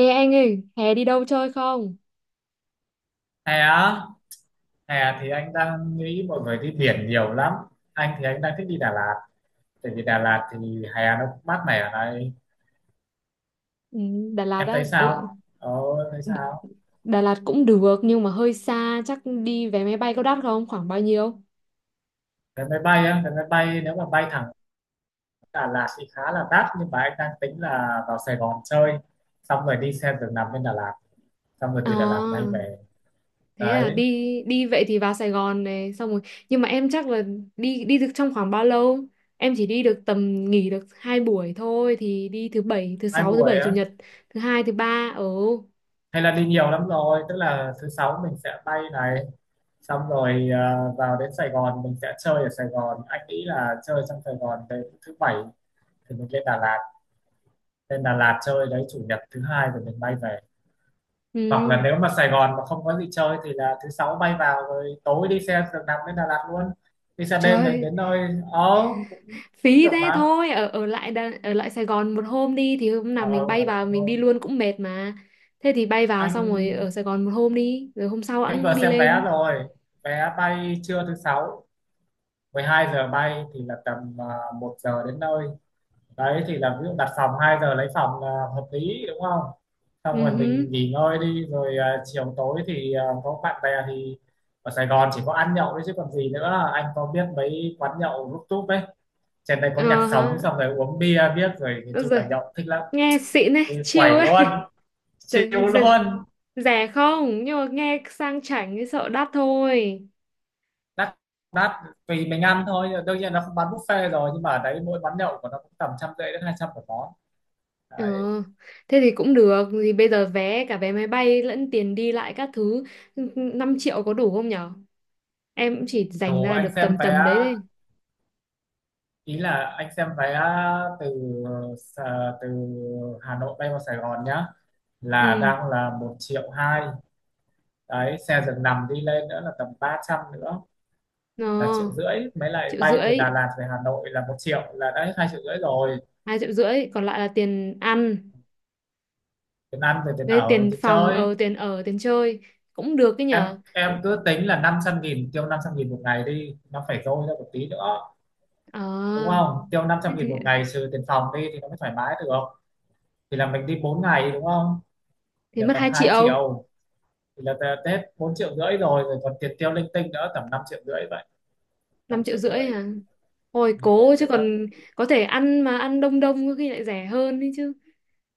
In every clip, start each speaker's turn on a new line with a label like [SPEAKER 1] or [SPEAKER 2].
[SPEAKER 1] Ê anh ơi, hè đi đâu chơi không?
[SPEAKER 2] Hè á? Hè thì anh đang nghĩ mọi người đi biển nhiều lắm. Anh đang thích đi Đà Lạt. Tại vì Đà Lạt thì hè nó cũng mát mẻ ở này.
[SPEAKER 1] Ừ. Đà Lạt
[SPEAKER 2] Em thấy
[SPEAKER 1] á. Ừ.
[SPEAKER 2] sao, thấy
[SPEAKER 1] D-
[SPEAKER 2] sao?
[SPEAKER 1] Đà Lạt cũng được nhưng mà hơi xa, chắc đi vé máy bay có đắt không? Khoảng bao nhiêu?
[SPEAKER 2] Vé máy bay á? Vé máy bay Nếu mà bay thẳng Đà Lạt thì khá là đắt, nhưng mà anh đang tính là vào Sài Gòn chơi, xong rồi đi xe giường nằm bên Đà Lạt, xong rồi từ Đà Lạt bay
[SPEAKER 1] À,
[SPEAKER 2] về.
[SPEAKER 1] thế à, đi
[SPEAKER 2] Đấy.
[SPEAKER 1] đi vậy thì vào Sài Gòn này, xong rồi. Nhưng mà em chắc là đi đi được trong khoảng bao lâu? Em chỉ đi được tầm nghỉ được 2 buổi thôi thì đi thứ bảy, thứ
[SPEAKER 2] Hai
[SPEAKER 1] sáu, thứ
[SPEAKER 2] buổi
[SPEAKER 1] bảy, chủ
[SPEAKER 2] á?
[SPEAKER 1] nhật, thứ hai, thứ ba. Ừ.
[SPEAKER 2] Hay là đi nhiều lắm rồi, tức là thứ sáu mình sẽ bay này, xong rồi vào đến Sài Gòn mình sẽ chơi ở Sài Gòn, anh nghĩ là chơi trong Sài Gòn đến thứ bảy thì mình lên Đà Lạt. Lên Đà Lạt chơi đấy, chủ nhật thứ hai rồi mình bay về. Hoặc
[SPEAKER 1] Ừ.
[SPEAKER 2] là nếu mà Sài Gòn mà không có gì chơi thì là thứ sáu bay vào rồi tối đi xe giường nằm đến Đà Lạt luôn. Đi xe đêm rồi
[SPEAKER 1] Trời,
[SPEAKER 2] đến nơi, ờ, cũng cũng
[SPEAKER 1] phí
[SPEAKER 2] được
[SPEAKER 1] thế
[SPEAKER 2] mà.
[SPEAKER 1] thôi ở ở lại Đà- ở lại Sài Gòn một hôm đi, thì hôm nào
[SPEAKER 2] Ờ,
[SPEAKER 1] mình bay
[SPEAKER 2] ở lại
[SPEAKER 1] vào
[SPEAKER 2] một
[SPEAKER 1] mình đi
[SPEAKER 2] hôm.
[SPEAKER 1] luôn cũng mệt mà, thế thì bay vào xong rồi
[SPEAKER 2] anh
[SPEAKER 1] ở Sài Gòn một hôm đi rồi hôm sau
[SPEAKER 2] anh
[SPEAKER 1] hẵng
[SPEAKER 2] vừa
[SPEAKER 1] đi
[SPEAKER 2] xem vé
[SPEAKER 1] lên.
[SPEAKER 2] rồi. Vé bay trưa thứ sáu 12 giờ bay thì là tầm 1 giờ đến nơi. Đấy thì là ví dụ đặt phòng 2 giờ lấy phòng là hợp lý, đúng không? Xong
[SPEAKER 1] Ừ
[SPEAKER 2] rồi
[SPEAKER 1] hứ.
[SPEAKER 2] mình nghỉ ngơi đi rồi chiều tối thì có bạn bè thì ở Sài Gòn chỉ có ăn nhậu. Đấy chứ còn gì nữa, anh có biết mấy quán nhậu rút túp ấy, trên đây có
[SPEAKER 1] Ờ
[SPEAKER 2] nhạc
[SPEAKER 1] hả.
[SPEAKER 2] sống xong rồi uống bia, biết rồi, nói
[SPEAKER 1] Ôi
[SPEAKER 2] chung
[SPEAKER 1] giời,
[SPEAKER 2] là nhậu thích lắm.
[SPEAKER 1] nghe xịn ấy,
[SPEAKER 2] Đi
[SPEAKER 1] chill
[SPEAKER 2] quẩy
[SPEAKER 1] ấy.
[SPEAKER 2] luôn. Chịu
[SPEAKER 1] Trời, giời,
[SPEAKER 2] luôn.
[SPEAKER 1] rẻ không, nhưng mà nghe sang chảnh thì sợ đắt thôi.
[SPEAKER 2] Đắt. đắt Tùy mình ăn thôi, đương nhiên nó không bán buffet rồi, nhưng mà ở đấy mỗi quán nhậu của nó cũng tầm 150 đến 200 một món.
[SPEAKER 1] Ờ, thế thì cũng được, thì bây giờ vé cả vé máy bay lẫn tiền đi lại các thứ, ừ, ừ, 5 triệu có đủ không nhở? Em cũng chỉ dành
[SPEAKER 2] Đủ.
[SPEAKER 1] ra
[SPEAKER 2] Anh
[SPEAKER 1] được
[SPEAKER 2] xem
[SPEAKER 1] tầm
[SPEAKER 2] vé,
[SPEAKER 1] tầm đấy đấy.
[SPEAKER 2] ý là anh xem vé từ từ Hà Nội bay vào Sài Gòn nhá, là
[SPEAKER 1] Ừ.
[SPEAKER 2] đang là 1.200.000. Đấy xe giường nằm đi lên nữa là tầm 300 nữa,
[SPEAKER 1] Ờ.
[SPEAKER 2] là 1.500.000. Mới lại
[SPEAKER 1] Triệu
[SPEAKER 2] bay từ
[SPEAKER 1] rưỡi.
[SPEAKER 2] Đà Lạt về Hà Nội là 1.000.000, là đã hết 2.500.000 rồi.
[SPEAKER 1] 2,5 triệu còn lại là tiền ăn
[SPEAKER 2] Tiền ăn rồi tiền
[SPEAKER 1] với
[SPEAKER 2] ở rồi
[SPEAKER 1] tiền
[SPEAKER 2] tiền
[SPEAKER 1] phòng
[SPEAKER 2] chơi.
[SPEAKER 1] ở, tiền ở, tiền chơi. Cũng được cái
[SPEAKER 2] em
[SPEAKER 1] nhở. T-
[SPEAKER 2] em cứ tính là 500.000, tiêu 500.000 một ngày đi nó phải dôi ra một tí nữa,
[SPEAKER 1] ờ,
[SPEAKER 2] đúng không? Tiêu năm
[SPEAKER 1] thế
[SPEAKER 2] trăm nghìn một ngày trừ tiền phòng đi thì nó mới thoải mái được. Thì là mình đi 4 ngày, đúng không? Thì
[SPEAKER 1] thì
[SPEAKER 2] là
[SPEAKER 1] mất
[SPEAKER 2] tầm
[SPEAKER 1] hai
[SPEAKER 2] hai
[SPEAKER 1] triệu
[SPEAKER 2] triệu Thì là Tết 4.500.000 rồi, rồi còn tiền tiêu linh tinh nữa tầm 5.500.000 vậy. năm
[SPEAKER 1] năm triệu
[SPEAKER 2] triệu
[SPEAKER 1] rưỡi
[SPEAKER 2] rưỡi
[SPEAKER 1] à? Ôi
[SPEAKER 2] Ừ, em
[SPEAKER 1] cố chứ
[SPEAKER 2] thấy nó
[SPEAKER 1] còn, có thể ăn mà ăn đông đông có khi lại rẻ hơn đấy chứ,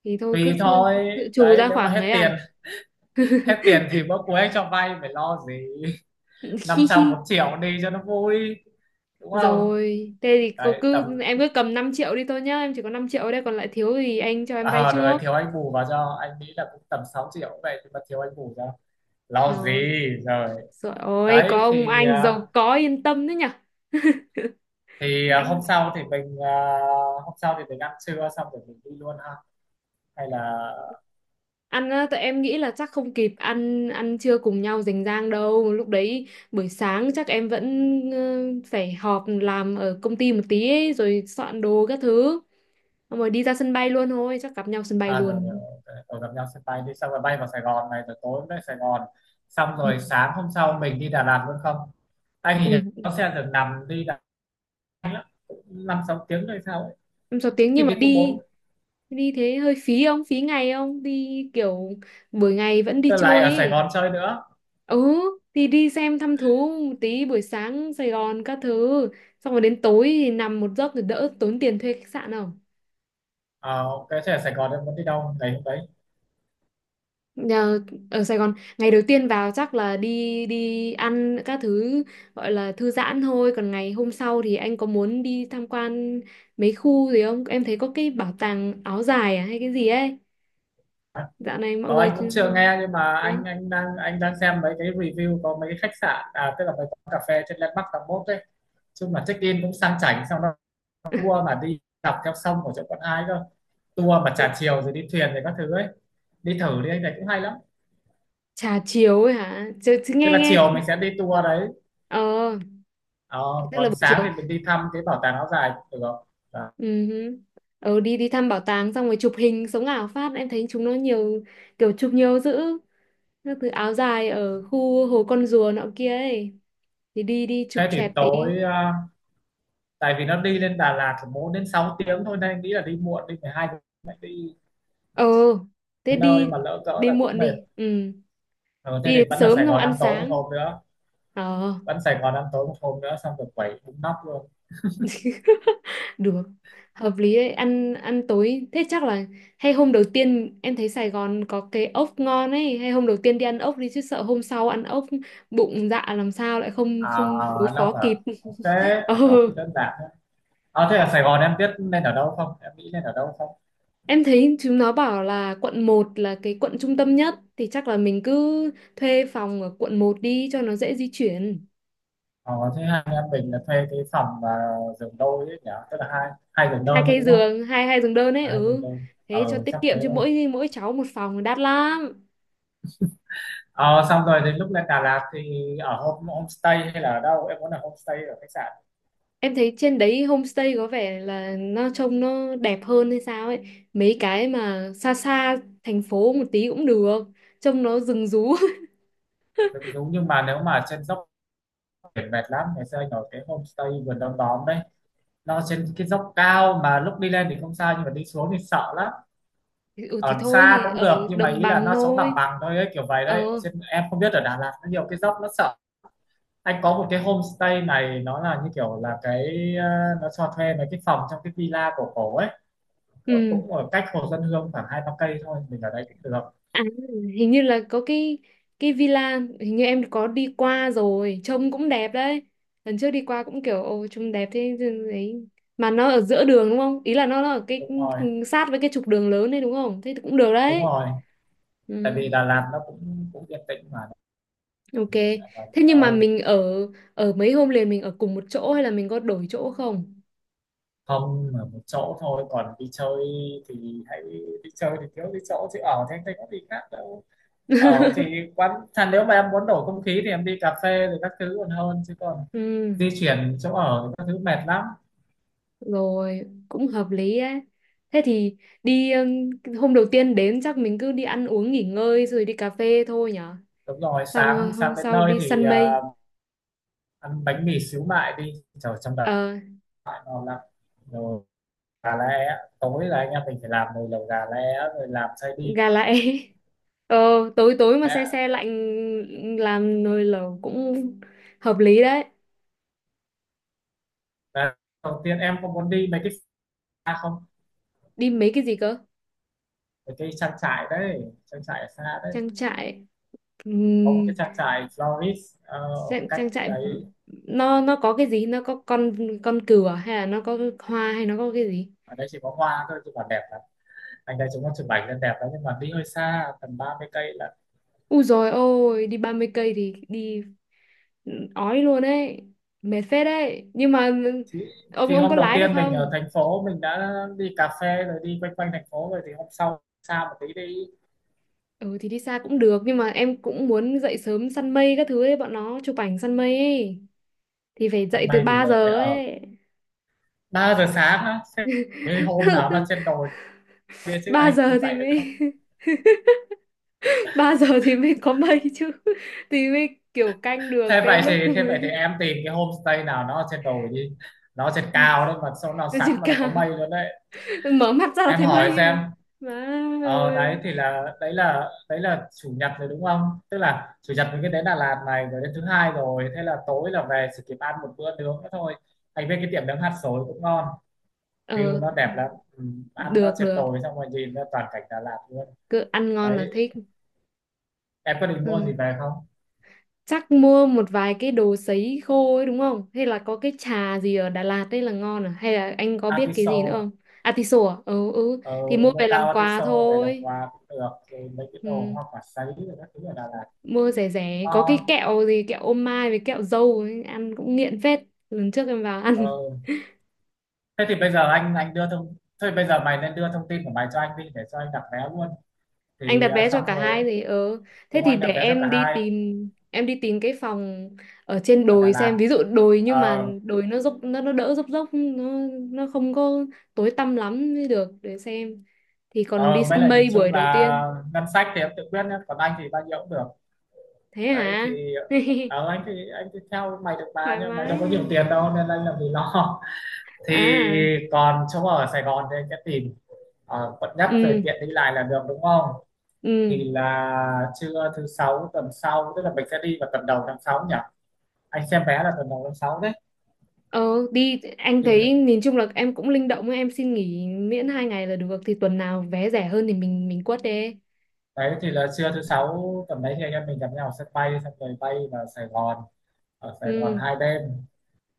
[SPEAKER 1] thì thôi cứ
[SPEAKER 2] tùy thôi.
[SPEAKER 1] dự trù
[SPEAKER 2] Đấy,
[SPEAKER 1] ra
[SPEAKER 2] nếu mà
[SPEAKER 1] khoảng
[SPEAKER 2] hết
[SPEAKER 1] ấy à.
[SPEAKER 2] tiền hết tiền thì bữa cuối anh cho vay, phải lo gì. Năm
[SPEAKER 1] Hi hi.
[SPEAKER 2] trăm một triệu đi cho nó vui, đúng không?
[SPEAKER 1] Rồi thế thì cô
[SPEAKER 2] Đấy tầm,
[SPEAKER 1] cứ em cứ cầm 5 triệu đi thôi nhá, em chỉ có 5 triệu ở đây, còn lại thiếu thì anh cho em vay
[SPEAKER 2] rồi
[SPEAKER 1] trước.
[SPEAKER 2] thiếu anh bù vào cho. Anh nghĩ là cũng tầm 6.000.000 cũng vậy, nhưng mà thiếu anh bù cho, lo
[SPEAKER 1] Rồi.
[SPEAKER 2] gì. Rồi.
[SPEAKER 1] Trời ơi,
[SPEAKER 2] Đấy
[SPEAKER 1] có ông
[SPEAKER 2] thì
[SPEAKER 1] anh giàu có yên tâm đấy nhở.
[SPEAKER 2] thì
[SPEAKER 1] Mạnh.
[SPEAKER 2] hôm sau thì mình hôm sau thì mình ăn trưa xong rồi mình đi luôn ha. Hay là
[SPEAKER 1] Ăn á, tụi em nghĩ là chắc không kịp ăn ăn trưa cùng nhau rành rang đâu lúc đấy, buổi sáng chắc em vẫn phải họp làm ở công ty một tí ấy, rồi soạn đồ các thứ. Xong rồi đi ra sân bay luôn thôi, chắc gặp nhau sân bay
[SPEAKER 2] à rồi, rồi,
[SPEAKER 1] luôn.
[SPEAKER 2] ok. Rồi gặp nhau sân bay đi, xong rồi bay vào Sài Gòn này rồi tối về Sài Gòn, xong
[SPEAKER 1] Ừ.
[SPEAKER 2] rồi sáng hôm sau mình đi Đà Lạt luôn không? Anh thì nó
[SPEAKER 1] Ui,
[SPEAKER 2] xe thường nằm đi Đà Lạt lắm, 5-6 tiếng rồi sao ấy.
[SPEAKER 1] em 6 tiếng,
[SPEAKER 2] Khi
[SPEAKER 1] nhưng mà
[SPEAKER 2] thì cũng bốn.
[SPEAKER 1] đi đi thế hơi phí không, phí ngày không đi kiểu buổi ngày vẫn đi
[SPEAKER 2] Tôi lại
[SPEAKER 1] chơi
[SPEAKER 2] ở Sài
[SPEAKER 1] ấy,
[SPEAKER 2] Gòn chơi nữa.
[SPEAKER 1] ừ thì đi xem thăm thú một tí buổi sáng Sài Gòn các thứ, xong rồi đến tối thì nằm một giấc thì đỡ tốn tiền thuê khách sạn không?
[SPEAKER 2] Ờ, ok, thế ở Sài Gòn em muốn đi đâu đấy hôm đấy?
[SPEAKER 1] Ờ, ở Sài Gòn ngày đầu tiên vào chắc là đi đi ăn các thứ gọi là thư giãn thôi, còn ngày hôm sau thì anh có muốn đi tham quan mấy khu gì không, em thấy có cái bảo tàng áo dài, à, hay cái gì ấy dạo này mọi
[SPEAKER 2] Ờ,
[SPEAKER 1] người.
[SPEAKER 2] anh cũng chưa nghe, nhưng mà
[SPEAKER 1] Đấy.
[SPEAKER 2] anh đang xem mấy cái review có mấy cái khách sạn, à tức là mấy quán cà phê trên Landmark 81 đấy. Chung là check in cũng sang chảnh, xong tour mà đi dọc theo sông của chỗ Quận Ai cơ. Tour mà
[SPEAKER 1] Đấy.
[SPEAKER 2] trà chiều rồi đi thuyền rồi các thứ ấy, đi thử đi anh, này cũng hay lắm.
[SPEAKER 1] Trà chiều ấy hả chứ
[SPEAKER 2] Tức
[SPEAKER 1] nghe
[SPEAKER 2] là
[SPEAKER 1] nghe
[SPEAKER 2] chiều mình sẽ đi tour đấy,
[SPEAKER 1] Ờ,
[SPEAKER 2] ờ,
[SPEAKER 1] tức là
[SPEAKER 2] còn
[SPEAKER 1] buổi
[SPEAKER 2] sáng
[SPEAKER 1] chiều.
[SPEAKER 2] thì mình đi thăm cái bảo tàng áo dài cũng được. Đó.
[SPEAKER 1] Ừ hứ. Ờ đi đi thăm bảo tàng xong rồi chụp hình sống ảo phát, em thấy chúng nó nhiều kiểu chụp nhiều dữ các thứ áo dài ở khu Hồ Con Rùa nọ kia ấy, thì đi đi chụp
[SPEAKER 2] Thế thì
[SPEAKER 1] choẹt tí.
[SPEAKER 2] tối tại vì nó đi lên Đà Lạt thì 4 đến 6 tiếng thôi nên anh nghĩ là đi muộn đi 12 tiếng, lại đi
[SPEAKER 1] Ờ thế
[SPEAKER 2] đến nơi
[SPEAKER 1] đi
[SPEAKER 2] mà lỡ cỡ
[SPEAKER 1] đi
[SPEAKER 2] là cũng
[SPEAKER 1] muộn
[SPEAKER 2] mệt.
[SPEAKER 1] đi, ừ,
[SPEAKER 2] Ờ, thế
[SPEAKER 1] đi
[SPEAKER 2] thì
[SPEAKER 1] đến
[SPEAKER 2] vẫn là
[SPEAKER 1] sớm
[SPEAKER 2] Sài
[SPEAKER 1] xong
[SPEAKER 2] Gòn ăn
[SPEAKER 1] ăn
[SPEAKER 2] tối một
[SPEAKER 1] sáng.
[SPEAKER 2] hôm nữa.
[SPEAKER 1] Ờ.
[SPEAKER 2] Vẫn Sài Gòn ăn tối một hôm nữa xong rồi quẩy bún nóc luôn.
[SPEAKER 1] Được. Hợp lý đấy, ăn ăn tối thế chắc là hay, hôm đầu tiên em thấy Sài Gòn có cái ốc ngon ấy, hay hôm đầu tiên đi ăn ốc đi, chứ sợ hôm sau ăn ốc bụng dạ làm sao lại không
[SPEAKER 2] À,
[SPEAKER 1] không đối
[SPEAKER 2] à, nóc
[SPEAKER 1] phó
[SPEAKER 2] à?
[SPEAKER 1] kịp.
[SPEAKER 2] Ok.
[SPEAKER 1] Ờ.
[SPEAKER 2] À, nóc thì đơn giản. À, thế ở Sài Gòn em biết nên ở đâu không? Em nghĩ nên ở đâu không?
[SPEAKER 1] Em thấy chúng nó bảo là quận một là cái quận trung tâm nhất, thì chắc là mình cứ thuê phòng ở quận một đi cho nó dễ di chuyển.
[SPEAKER 2] Ờ, thế hai anh em mình là thuê cái phòng mà giường đôi ấy nhỉ? Tức là hai hai giường
[SPEAKER 1] Hai
[SPEAKER 2] đơn đấy,
[SPEAKER 1] cái
[SPEAKER 2] đúng không?
[SPEAKER 1] giường, hai hai giường đơn ấy,
[SPEAKER 2] À, hai giường
[SPEAKER 1] ừ.
[SPEAKER 2] đơn.
[SPEAKER 1] Thế cho
[SPEAKER 2] Ờ,
[SPEAKER 1] tiết
[SPEAKER 2] chắc thế
[SPEAKER 1] kiệm, cho
[SPEAKER 2] thôi.
[SPEAKER 1] mỗi mỗi cháu một phòng đắt lắm.
[SPEAKER 2] Ờ, xong rồi đến lúc lên Đà Lạt thì ở homestay hay là ở đâu? Em muốn ở homestay ở khách sạn.
[SPEAKER 1] Em thấy trên đấy homestay có vẻ là nó trông nó đẹp hơn hay sao ấy. Mấy cái mà xa xa thành phố một tí cũng được, trông nó rừng rú.
[SPEAKER 2] Giống Giống nhưng mà nếu mà trên dốc biển mệt lắm, ngày xưa anh ở cái homestay vườn đom đóm đấy. Nó trên cái dốc cao mà lúc đi lên thì không sao, nhưng mà đi xuống thì sợ lắm.
[SPEAKER 1] Ừ thì
[SPEAKER 2] Ở
[SPEAKER 1] thôi
[SPEAKER 2] xa
[SPEAKER 1] thì
[SPEAKER 2] cũng
[SPEAKER 1] ở
[SPEAKER 2] được nhưng mà
[SPEAKER 1] đồng
[SPEAKER 2] ý là
[SPEAKER 1] bằng
[SPEAKER 2] nó sống bằng
[SPEAKER 1] thôi.
[SPEAKER 2] bằng thôi ấy, kiểu vậy đấy. Ở
[SPEAKER 1] Ờ.
[SPEAKER 2] trên em không biết, ở Đà Lạt nó nhiều cái dốc nó sợ. Anh có một cái homestay này, nó là như kiểu là cái, ờ, nó cho thuê mấy cái phòng trong cái villa cổ cổ ấy. Ờ,
[SPEAKER 1] Ừ.
[SPEAKER 2] cũng ở cách Hồ Xuân Hương khoảng 2-3 cây thôi, mình ở đấy cũng được.
[SPEAKER 1] À, hình như là có cái villa hình như em có đi qua rồi, trông cũng đẹp đấy, lần trước đi qua cũng kiểu ồ trông đẹp thế. Đấy. Mà nó ở giữa đường đúng không, ý là nó ở cái,
[SPEAKER 2] Đúng rồi.
[SPEAKER 1] ừ, sát với cái trục đường lớn đấy đúng không? Thế thì cũng được
[SPEAKER 2] Đúng
[SPEAKER 1] đấy.
[SPEAKER 2] rồi.
[SPEAKER 1] Ừ,
[SPEAKER 2] Tại vì Đà Lạt nó cũng cũng yên tĩnh mà.
[SPEAKER 1] ok.
[SPEAKER 2] Mình ở Đà Lạt
[SPEAKER 1] Thế nhưng mà
[SPEAKER 2] đâu,
[SPEAKER 1] mình ở ở mấy hôm liền mình ở cùng một chỗ hay là mình có đổi chỗ không?
[SPEAKER 2] không ở một chỗ thôi, còn đi chơi thì hãy, đi chơi thì thiếu đi chỗ chứ ở thì anh thấy có gì khác đâu. Ở thì quán thà nếu mà em muốn đổi không khí thì em đi cà phê rồi các thứ còn hơn, chứ còn
[SPEAKER 1] Ừ.
[SPEAKER 2] di chuyển chỗ ở thì các thứ mệt lắm.
[SPEAKER 1] Rồi, cũng hợp lý ấy. Thế thì đi hôm đầu tiên đến chắc mình cứ đi ăn uống nghỉ ngơi rồi đi cà phê thôi nhở.
[SPEAKER 2] Đúng rồi.
[SPEAKER 1] Xong
[SPEAKER 2] Sáng
[SPEAKER 1] rồi hôm
[SPEAKER 2] Sáng đến
[SPEAKER 1] sau
[SPEAKER 2] nơi
[SPEAKER 1] đi
[SPEAKER 2] thì
[SPEAKER 1] săn mây,
[SPEAKER 2] ăn bánh mì xíu mại đi, trời trong đó
[SPEAKER 1] ờ
[SPEAKER 2] ngon lắm. Rồi, gà lẻ tối là anh em mình phải làm nồi lẩu gà lẻ rồi làm xay đi.
[SPEAKER 1] gà lại. Ờ tối tối mà xe
[SPEAKER 2] Lẻ.
[SPEAKER 1] xe lạnh, làm nồi lẩu cũng hợp lý đấy.
[SPEAKER 2] Và đầu tiên em có muốn đi mấy cái xa không?
[SPEAKER 1] Đi mấy cái gì cơ?
[SPEAKER 2] Mấy cái trang trại đấy, trang trại ở xa đấy.
[SPEAKER 1] Trang trại,
[SPEAKER 2] Có một cái
[SPEAKER 1] ừm,
[SPEAKER 2] trang trại florist, ờ, ở
[SPEAKER 1] trang,
[SPEAKER 2] cách
[SPEAKER 1] trang trại
[SPEAKER 2] đấy.
[SPEAKER 1] nó có cái gì? Nó có con cừu à, hay là nó có hoa hay nó có cái gì?
[SPEAKER 2] Ở đây chỉ có hoa thôi chứ còn đẹp lắm. Anh đây, chúng nó chụp ảnh lên đẹp lắm, nhưng mà đi hơi xa tầm 30 cây là.
[SPEAKER 1] Ui rồi ôi, đi 30 cây thì đi ói luôn ấy, mệt phết đấy, nhưng mà
[SPEAKER 2] thì,
[SPEAKER 1] ông
[SPEAKER 2] thì
[SPEAKER 1] ông có
[SPEAKER 2] hôm đầu
[SPEAKER 1] lái được
[SPEAKER 2] tiên mình ở
[SPEAKER 1] không?
[SPEAKER 2] thành phố mình đã đi cà phê rồi đi quanh quanh thành phố rồi thì hôm sau xa một tí đi.
[SPEAKER 1] Ừ thì đi xa cũng được, nhưng mà em cũng muốn dậy sớm săn mây các thứ ấy, bọn nó chụp ảnh săn mây ấy thì phải
[SPEAKER 2] Tầm
[SPEAKER 1] dậy từ
[SPEAKER 2] này thì
[SPEAKER 1] ba
[SPEAKER 2] lại phải
[SPEAKER 1] giờ
[SPEAKER 2] ở,
[SPEAKER 1] ấy.
[SPEAKER 2] 3 giờ sáng á? Thế cái hôm nào mà trên đồi kia chứ
[SPEAKER 1] 3
[SPEAKER 2] anh không
[SPEAKER 1] giờ thì
[SPEAKER 2] dậy được đâu.
[SPEAKER 1] mới. Ba giờ thì mới có mây chứ, thì mới kiểu canh được cái lúc
[SPEAKER 2] Thế vậy thì
[SPEAKER 1] mới.
[SPEAKER 2] em tìm cái homestay nào nó ở trên đồi đi, nó ở trên cao đấy mà sao nó
[SPEAKER 1] Lên
[SPEAKER 2] sẵn
[SPEAKER 1] trên
[SPEAKER 2] mà nó có
[SPEAKER 1] cao
[SPEAKER 2] mây luôn đấy.
[SPEAKER 1] mở mắt ra là
[SPEAKER 2] Em
[SPEAKER 1] thấy
[SPEAKER 2] hỏi
[SPEAKER 1] mây
[SPEAKER 2] xem.
[SPEAKER 1] à má
[SPEAKER 2] Ờ, đấy
[SPEAKER 1] ơi.
[SPEAKER 2] thì là đấy là chủ nhật rồi, đúng không? Tức là chủ nhật mình cứ đến Đà Lạt này rồi đến thứ hai, rồi thế là tối là về chỉ kịp ăn một bữa nướng nữa thôi. Anh viên cái tiệm nướng hạt sồi cũng ngon,
[SPEAKER 1] Ờ,
[SPEAKER 2] view nó đẹp lắm, ừ, ăn nó
[SPEAKER 1] được
[SPEAKER 2] trên
[SPEAKER 1] được,
[SPEAKER 2] đồi xong rồi nhìn ra toàn cảnh Đà Lạt luôn.
[SPEAKER 1] cứ ăn ngon là
[SPEAKER 2] Đấy,
[SPEAKER 1] thích.
[SPEAKER 2] em có định mua
[SPEAKER 1] Ừ.
[SPEAKER 2] gì về không?
[SPEAKER 1] Chắc mua một vài cái đồ sấy khô ấy đúng không, hay là có cái trà gì ở Đà Lạt đấy là ngon à, hay là anh có biết cái gì nữa
[SPEAKER 2] Artiso,
[SPEAKER 1] không? Atiso à, ừ, ừ
[SPEAKER 2] ờ,
[SPEAKER 1] thì mua
[SPEAKER 2] mua
[SPEAKER 1] về làm
[SPEAKER 2] cao
[SPEAKER 1] quà
[SPEAKER 2] artiso về làm
[SPEAKER 1] thôi.
[SPEAKER 2] quà cũng được, rồi mấy cái đồ
[SPEAKER 1] Ừ.
[SPEAKER 2] hoa quả sấy rồi các thứ ở Đà Lạt
[SPEAKER 1] Mua rẻ
[SPEAKER 2] cũng
[SPEAKER 1] rẻ có
[SPEAKER 2] ngon.
[SPEAKER 1] cái kẹo gì, kẹo ô mai với kẹo dâu ấy, ăn cũng nghiện phết, lần trước em vào
[SPEAKER 2] Ờ,
[SPEAKER 1] ăn.
[SPEAKER 2] thế thì bây giờ anh đưa thông, thôi bây giờ mày nên đưa thông tin của mày cho anh đi để cho anh đặt vé luôn,
[SPEAKER 1] Anh
[SPEAKER 2] thì
[SPEAKER 1] đặt vé cho
[SPEAKER 2] xong
[SPEAKER 1] cả
[SPEAKER 2] rồi,
[SPEAKER 1] hai thì ờ, thế
[SPEAKER 2] đúng không,
[SPEAKER 1] thì
[SPEAKER 2] anh
[SPEAKER 1] để
[SPEAKER 2] đặt vé cho cả
[SPEAKER 1] em đi
[SPEAKER 2] hai
[SPEAKER 1] tìm em đi tìm cái phòng ở trên
[SPEAKER 2] ở Đà
[SPEAKER 1] đồi
[SPEAKER 2] Lạt.
[SPEAKER 1] xem, ví dụ đồi nhưng mà
[SPEAKER 2] ờ
[SPEAKER 1] đồi nó dốc nó đỡ dốc dốc nó không có tối tăm lắm mới được để xem, thì còn đi
[SPEAKER 2] ờ, mấy
[SPEAKER 1] săn
[SPEAKER 2] là nhìn
[SPEAKER 1] mây buổi
[SPEAKER 2] chung
[SPEAKER 1] đầu tiên.
[SPEAKER 2] là ngân sách thì em tự quyết nhé, còn anh thì bao nhiêu cũng được.
[SPEAKER 1] Thế
[SPEAKER 2] Đấy
[SPEAKER 1] hả?
[SPEAKER 2] thì ờ, anh thì theo mày được bà,
[SPEAKER 1] Thoải
[SPEAKER 2] nhưng mày đâu
[SPEAKER 1] mái.
[SPEAKER 2] có nhiều tiền đâu nên anh làm gì lo. Thì
[SPEAKER 1] À
[SPEAKER 2] còn chỗ ở Sài Gòn thì anh sẽ tìm ở quận nhất rồi
[SPEAKER 1] ừ
[SPEAKER 2] tiện đi lại là được, đúng không?
[SPEAKER 1] ừ
[SPEAKER 2] Thì là trưa thứ sáu tuần sau, tức là mình sẽ đi vào tuần đầu tháng 6 nhỉ, anh xem vé là tuần đầu tháng 6 đấy.
[SPEAKER 1] ờ đi, anh
[SPEAKER 2] Thì
[SPEAKER 1] thấy nhìn chung là em cũng linh động ấy, em xin nghỉ miễn 2 ngày là được, thì tuần nào vé rẻ hơn thì mình quất đi.
[SPEAKER 2] đấy thì là trưa thứ sáu tầm đấy thì anh em mình gặp nhau ở sân bay xong rồi bay vào Sài Gòn, ở Sài Gòn
[SPEAKER 1] Ừ.
[SPEAKER 2] 2 đêm.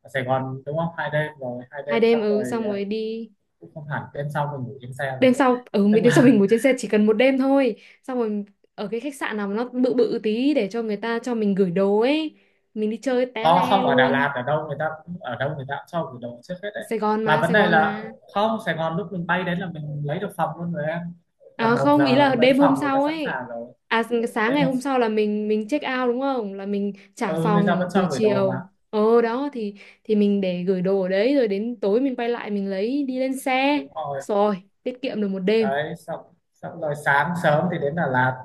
[SPEAKER 2] Ở Sài Gòn, đúng không, hai đêm rồi hai đêm,
[SPEAKER 1] 2 đêm,
[SPEAKER 2] xong
[SPEAKER 1] ừ,
[SPEAKER 2] rồi
[SPEAKER 1] xong
[SPEAKER 2] ờ,
[SPEAKER 1] rồi đi.
[SPEAKER 2] cũng không hẳn, đêm sau mình ngủ trên xe rồi.
[SPEAKER 1] Đêm sau, ừ,
[SPEAKER 2] Tức
[SPEAKER 1] mình đêm sau
[SPEAKER 2] là
[SPEAKER 1] mình ngủ trên xe chỉ cần một đêm thôi, xong rồi ở cái khách sạn nào mà nó bự bự tí để cho người ta cho mình gửi đồ ấy, mình đi chơi té
[SPEAKER 2] có
[SPEAKER 1] le
[SPEAKER 2] không, ở Đà
[SPEAKER 1] luôn.
[SPEAKER 2] Lạt ở đâu người ta cũng, ở đâu người ta cũng cho gửi đồ trước hết đấy
[SPEAKER 1] Sài Gòn
[SPEAKER 2] mà.
[SPEAKER 1] mà
[SPEAKER 2] Vấn
[SPEAKER 1] Sài
[SPEAKER 2] đề
[SPEAKER 1] Gòn
[SPEAKER 2] là
[SPEAKER 1] mà.
[SPEAKER 2] không, Sài Gòn lúc mình bay đến là mình lấy được phòng luôn rồi em,
[SPEAKER 1] À
[SPEAKER 2] tầm một
[SPEAKER 1] không,
[SPEAKER 2] giờ
[SPEAKER 1] ý
[SPEAKER 2] là
[SPEAKER 1] là
[SPEAKER 2] tới
[SPEAKER 1] đêm hôm
[SPEAKER 2] phòng người ta
[SPEAKER 1] sau
[SPEAKER 2] sẵn
[SPEAKER 1] ấy.
[SPEAKER 2] sàng rồi.
[SPEAKER 1] À, sáng
[SPEAKER 2] đêm
[SPEAKER 1] ngày
[SPEAKER 2] hôm-
[SPEAKER 1] hôm sau là mình check out đúng không, là mình trả
[SPEAKER 2] ừ, người ta
[SPEAKER 1] phòng
[SPEAKER 2] vẫn
[SPEAKER 1] buổi
[SPEAKER 2] cho gửi đồ mà.
[SPEAKER 1] chiều, ờ đó thì mình để gửi đồ ở đấy rồi đến tối mình quay lại mình lấy đi lên xe.
[SPEAKER 2] Đúng rồi.
[SPEAKER 1] Rồi. Tiết kiệm được một đêm.
[SPEAKER 2] Đấy xong xong rồi sáng sớm thì đến Đà Lạt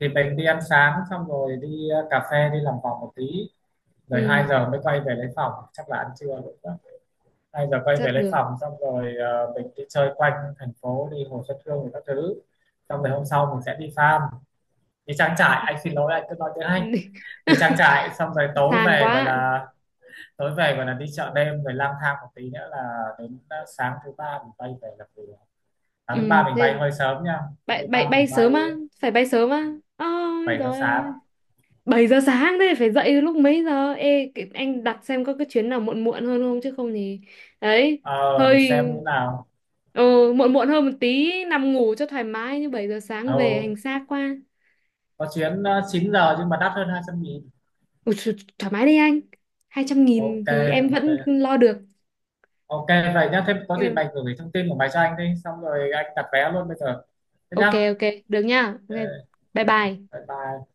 [SPEAKER 2] thì mình đi ăn sáng xong rồi đi, ờ, cà phê đi làm vòng một tí rồi 2
[SPEAKER 1] Ừ.
[SPEAKER 2] giờ mới quay về lấy phòng chắc là ăn trưa rồi đó. 2 giờ quay về
[SPEAKER 1] Chắc
[SPEAKER 2] lấy
[SPEAKER 1] được.
[SPEAKER 2] phòng xong rồi ờ, mình đi chơi quanh thành phố đi Hồ Xuân Hương rồi các thứ. Xong rồi hôm sau mình sẽ đi farm, đi trang trại, anh xin lỗi anh cứ nói tiếng Anh. Đi trang trại xong rồi tối
[SPEAKER 1] Sang
[SPEAKER 2] về gọi
[SPEAKER 1] quá.
[SPEAKER 2] là, tối về gọi là đi chợ đêm rồi lang thang một tí nữa là đến, ờ, sáng thứ ba mình bay về làm việc. Sáng thứ ba
[SPEAKER 1] Ừ,
[SPEAKER 2] mình bay
[SPEAKER 1] thế
[SPEAKER 2] hơi sớm nha. Sáng
[SPEAKER 1] bay,
[SPEAKER 2] thứ
[SPEAKER 1] bay,
[SPEAKER 2] ba
[SPEAKER 1] bay
[SPEAKER 2] mình bay
[SPEAKER 1] sớm á, phải bay sớm á. Ôi
[SPEAKER 2] bảy giờ
[SPEAKER 1] rồi
[SPEAKER 2] sáng
[SPEAKER 1] ơi. 7 giờ sáng thế phải dậy lúc mấy giờ? Ê, anh đặt xem có cái chuyến nào muộn muộn hơn không chứ không thì, đấy,
[SPEAKER 2] Ờ để xem
[SPEAKER 1] hơi,
[SPEAKER 2] như nào.
[SPEAKER 1] ừ, muộn muộn hơn một tí nằm ngủ cho thoải mái, như 7 giờ sáng về
[SPEAKER 2] Ồ,
[SPEAKER 1] hành xác quá.
[SPEAKER 2] có chuyến, ờ, 9 giờ nhưng mà đắt hơn 200.000.
[SPEAKER 1] Ủa, th thoải mái đi anh. 200.000
[SPEAKER 2] Ok,
[SPEAKER 1] thì em vẫn
[SPEAKER 2] ok.
[SPEAKER 1] lo được.
[SPEAKER 2] Ok, vậy nhá. Thêm có gì
[SPEAKER 1] Em-
[SPEAKER 2] mày gửi thông tin của mày cho anh đi. Xong rồi anh đặt vé luôn bây giờ. Thế
[SPEAKER 1] Ok
[SPEAKER 2] nhá.
[SPEAKER 1] ok, được nha. Ok.
[SPEAKER 2] Ok,
[SPEAKER 1] Bye
[SPEAKER 2] ok.
[SPEAKER 1] bye.
[SPEAKER 2] Bye bye.